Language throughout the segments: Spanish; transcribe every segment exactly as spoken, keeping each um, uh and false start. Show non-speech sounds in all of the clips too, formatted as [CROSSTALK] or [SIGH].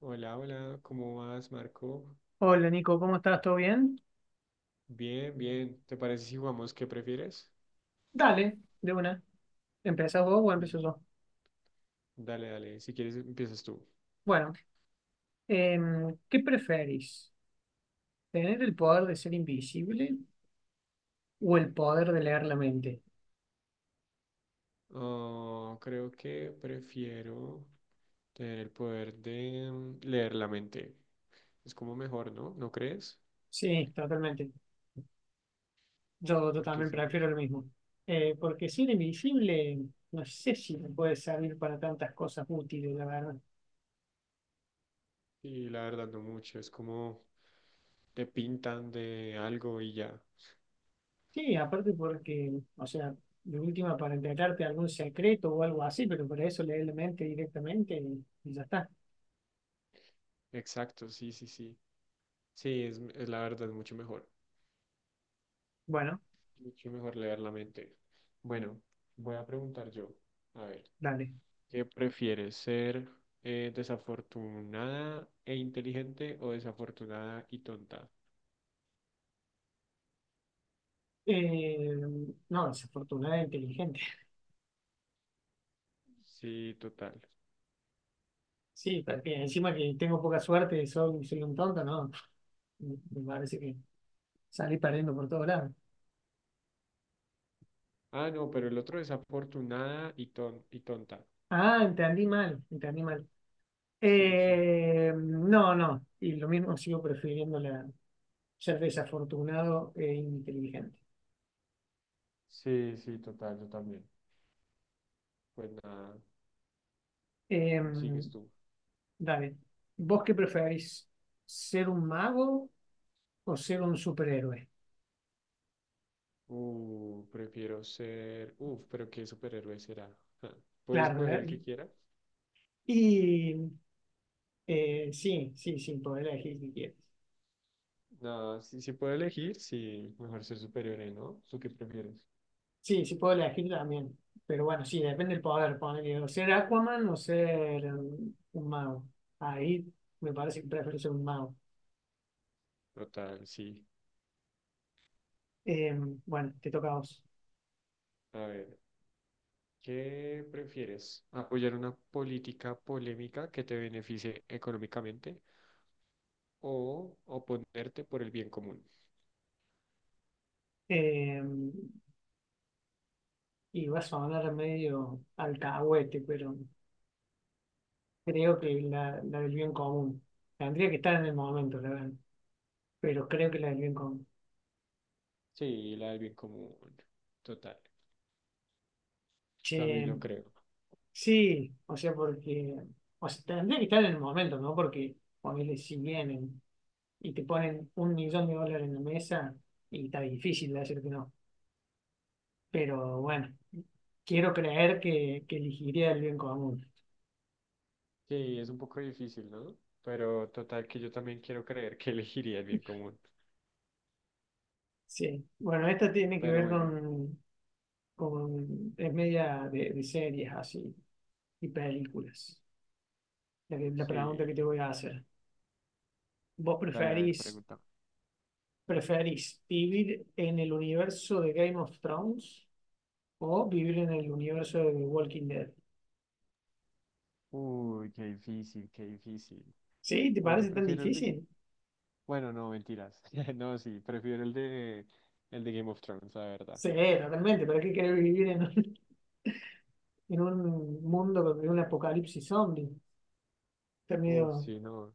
Hola, hola, ¿cómo vas, Marco? Hola Nico, ¿cómo estás? ¿Todo bien? Bien, bien. ¿Te parece si jugamos qué prefieres? Dale, de una. ¿Empezás vos o empiezo Mm. yo? Dale, dale, si quieres empiezas tú. Bueno, em, ¿qué preferís? ¿Tener el poder de ser invisible o el poder de leer la mente? Oh, creo que prefiero tener el poder de mm, leer la mente. Es como mejor, ¿no? ¿No crees? Sí, totalmente. Yo, yo Porque también sí, prefiero lo es- mismo. Eh, porque ser invisible, no sé si me puede servir para tantas cosas útiles, la verdad. sí, la verdad no mucho. Es como te pintan de algo y ya. Sí, aparte porque, o sea, de última para enterarte de algún secreto o algo así, pero para eso leer la mente directamente y y ya está. Exacto, sí, sí, sí. Sí, es, es la verdad mucho mejor. Bueno, Mucho mejor leer la mente. Bueno, voy a preguntar yo. A ver. dale. ¿Qué prefieres, ser eh, desafortunada e inteligente o desafortunada y tonta? Eh, no, desafortunada e inteligente. [LAUGHS] Sí, total. Sí, también. Encima que tengo poca suerte, y soy, soy un tonto, no. Me me parece que salí perdiendo por todos lados. Ah, no, pero el otro desafortunada y, ton y tonta. Ah, entendí mal, entendí mal. Sí, sí. Eh, no, no. Y lo mismo sigo prefiriendo la, ser desafortunado e inteligente. Sí, sí, total, yo también. Pues nada, sigues Em, tú. Dale. ¿Vos qué preferís? ¿Ser un mago o ser un superhéroe? Uh, prefiero ser... Uf, pero ¿qué superhéroe será? Ja. ¿Puedes Claro, escoger el ¿eh? que quieras? Y Eh, sí, sí, sí, puedo elegir si quieres. No, si, si puedo elegir, sí, mejor ser superhéroe, ¿no? ¿Tú qué prefieres? Sí, sí puedo elegir también. Pero bueno, sí, depende del poder. Poner, o ser Aquaman o ser um, un mago. Ahí me parece que prefiero ser un mago. Total, sí. Eh, bueno, te toca a vos. A ver. ¿Qué prefieres? ¿Apoyar una política polémica que te beneficie económicamente o oponerte por el bien común? Eh, y vas a sonar medio alcahuete, pero creo que la, la del bien común. Tendría que estar en el momento, la verdad. Pero creo que la del bien común. Sí, la del bien común. Total, también Che, lo creo. sí, o sea, porque o sea, tendría que estar en el momento, ¿no? Porque ponele si vienen y te ponen un millón de dólares en la mesa y está difícil de decir que no. Pero bueno, quiero creer que, que elegiría el bien común. Sí, es un poco difícil, ¿no? Pero total que yo también quiero creer que [LAUGHS] elegiría el bien común. Sí, bueno, esta tiene que Pero ver bueno, con, con es media de, de series así y películas. La, que- la pregunta que te sí. voy a hacer. ¿Vos Dale, a ver, preferís, pregunta. preferís vivir en el universo de Game of Thrones, o vivir en el universo de The Walking Dead? Uy, qué difícil, qué difícil. Sí, ¿te Uy, parece yo tan prefiero el de... difícil? Bueno, no, mentiras. [LAUGHS] No, sí, prefiero el de... El de Game of Thrones, la verdad. Sí, totalmente. ¿Para qué querés vivir en un, [LAUGHS] en un mundo de un apocalipsis zombie? Está Uf, medio- sí, no.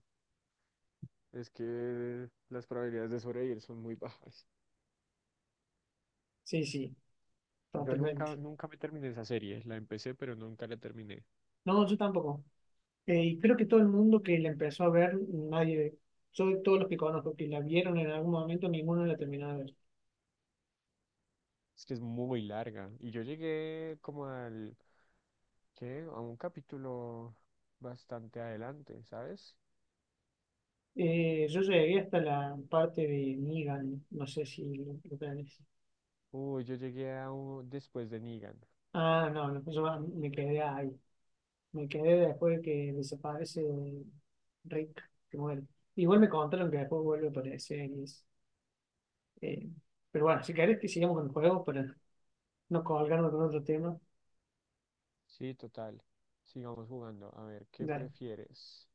Es que las probabilidades de sobrevivir son muy bajas. Sí, sí, Yo nunca, totalmente. nunca me terminé esa serie. La empecé, pero nunca la terminé. No, yo tampoco. Eh, y creo que todo el mundo que la empezó a ver, nadie, yo de todos los que conozco que la vieron en algún momento, ninguno la terminó de ver. Es que es muy larga. Y yo llegué como al, ¿qué? A un capítulo bastante adelante, ¿sabes? Eh, yo llegué hasta la parte de Negan, no sé si lo, lo tenés. Uy, yo llegué a un, después de Negan. Ah, no, no, yo me quedé ahí. Me quedé después de que desaparece Rick, que muere. Igual me contaron que después vuelve a aparecer. y es, eh, pero bueno, si querés que sigamos con el juego para no colgarnos con otro tema. Sí, total. Sigamos jugando. A ver, ¿qué Dale. prefieres?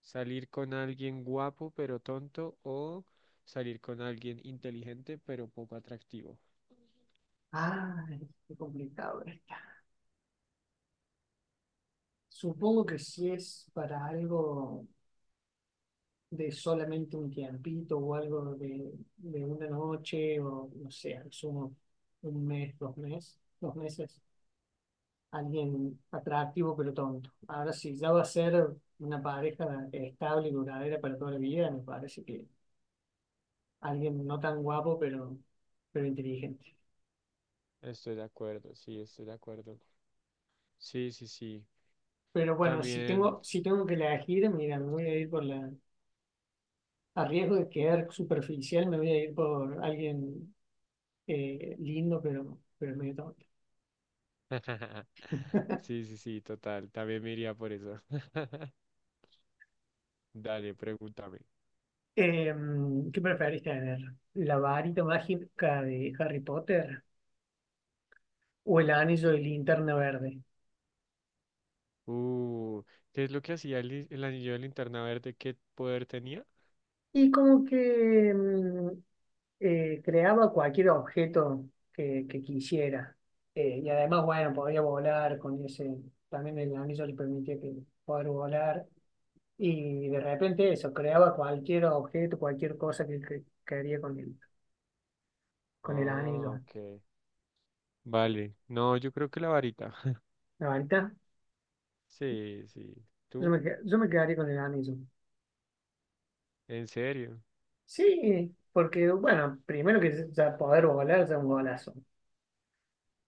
¿Salir con alguien guapo pero tonto o salir con alguien inteligente pero poco atractivo? Ay, qué complicado está. Supongo que si es para algo de solamente un tiempito o algo de, de una noche o no sé, al sumo un mes, dos meses, dos meses. Alguien atractivo pero tonto. Ahora, si ya va a ser una pareja estable y duradera para toda la vida, me parece que alguien no tan guapo pero, pero inteligente. Estoy de acuerdo, sí, estoy de acuerdo. Sí, sí, sí. Pero bueno, si También. tengo, si tengo que elegir, mira, me voy a ir por la. A riesgo de quedar superficial, me voy a ir por alguien eh, lindo pero, pero medio tonto. [LAUGHS] Sí, sí, sí, total. También me iría por eso. [LAUGHS] Dale, pregúntame. Em, ¿qué preferís tener? ¿La varita mágica de Harry Potter o el anillo de linterna verde? Uh, ¿qué es lo que hacía el, li- el anillo de linterna verde? ¿Qué poder tenía? Y como que mm, eh, creaba cualquier objeto que, que quisiera. Eh, y además, bueno, podía volar con ese, también el anillo le permitía que poder volar. Y de repente eso, creaba cualquier objeto, cualquier cosa que, que quería con el, con el Ah, anillo. ok. Vale. No, yo creo que la varita. [LAUGHS] Ahorita Sí, sí. yo me, ¿Tú? que- yo me quedaría con el anillo. ¿En serio? Sí, porque bueno, primero que ya poder volar ya es un golazo.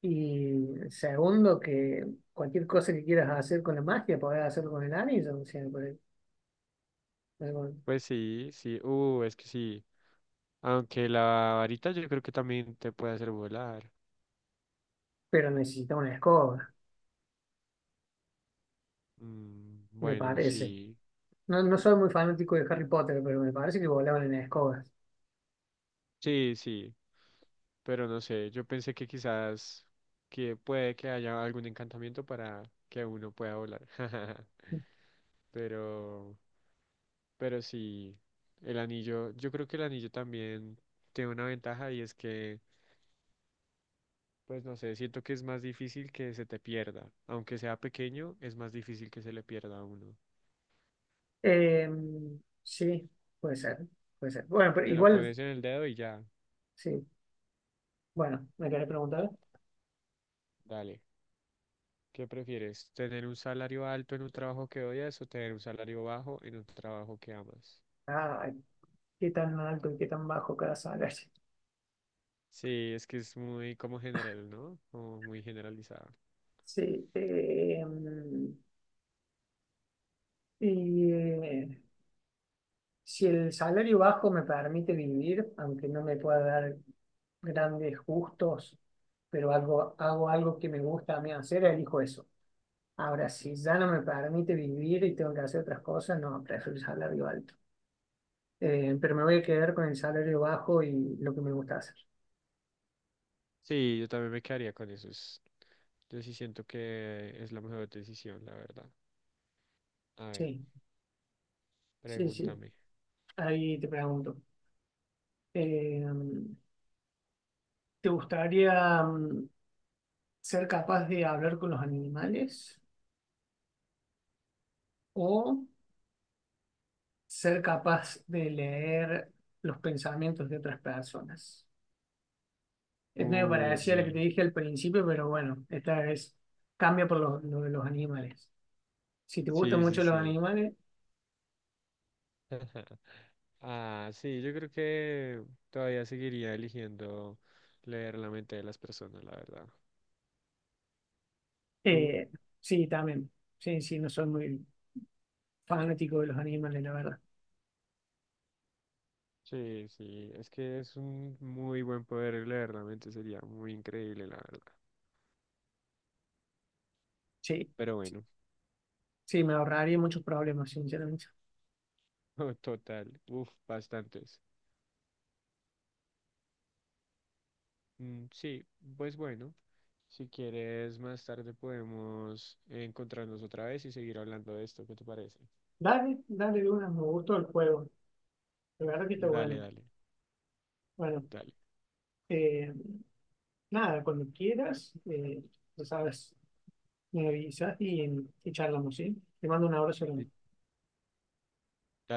Y segundo, que cualquier cosa que quieras hacer con la magia, podés hacerlo con el anillo, o sea, por el- algo- Pues sí, sí. Uh, es que sí. Aunque la varita yo creo que también te puede hacer volar. pero necesita una escoba, Mm, me bueno, parece. sí. No, no soy muy fanático de Harry Potter, pero me parece que volaban en escobas. Sí, sí. Pero no sé, yo pensé que quizás que puede que haya algún encantamiento para que uno pueda volar. [LAUGHS] Pero, pero sí, el anillo, yo creo que el anillo también tiene una ventaja y es que, pues no sé, siento que es más difícil que se te pierda. Aunque sea pequeño, es más difícil que se le pierda a uno. Eh, sí, puede ser, puede ser. Bueno, pero Te lo igual, pones en el dedo y ya, sí. Bueno, me querés preguntar, dale. ¿Qué prefieres? ¿Tener un salario alto en un trabajo que odias o tener un salario bajo en un trabajo que amas? ah, ¿qué tan alto y qué tan bajo cada salario? [LAUGHS] Sí, es que es muy como general, ¿no? Como muy generalizado. Sí, eh, y eh, si el salario bajo me permite vivir, aunque no me pueda dar grandes gustos, pero algo, hago algo que me gusta a mí hacer, elijo eso. Ahora, si ya no me permite vivir y tengo que hacer otras cosas, no, prefiero el salario alto. Eh, pero me voy a quedar con el salario bajo y lo que me gusta hacer. Sí, yo también me quedaría con eso. es- Yo sí siento que es la mejor decisión, la verdad. A ver, Sí, sí, sí. pregúntame. Ahí te pregunto. eh, ¿Te gustaría mm, ser capaz de hablar con los animales o ser capaz de leer los pensamientos de otras personas? Es medio parecida a la que te Uy, dije al principio, pero bueno, esta es cambia por lo, lo de los animales. Si te gustan sí, sí, mucho los sí. animales, [LAUGHS] Ah, sí, yo creo que todavía seguiría eligiendo leer la mente de las personas, la verdad. ¿Tú? eh, sí, también. Sí, sí, no soy muy fanático de los animales, la verdad. Sí, sí, es que es un muy buen poder leer la mente, sería muy increíble, la verdad. Sí, Pero bueno, sí, me ahorraría muchos problemas, sinceramente. [LAUGHS] total, uf, bastantes. Mm. Sí, pues bueno, si quieres más tarde podemos encontrarnos otra vez y seguir hablando de esto, ¿qué te parece? Dale, dale de una, me gustó el juego. La verdad que está Dale, bueno. dale, Bueno, dale. eh, nada, cuando quieras, eh, ya sabes, me avisas y, y charlamos, ¿sí? Te mando un abrazo. Y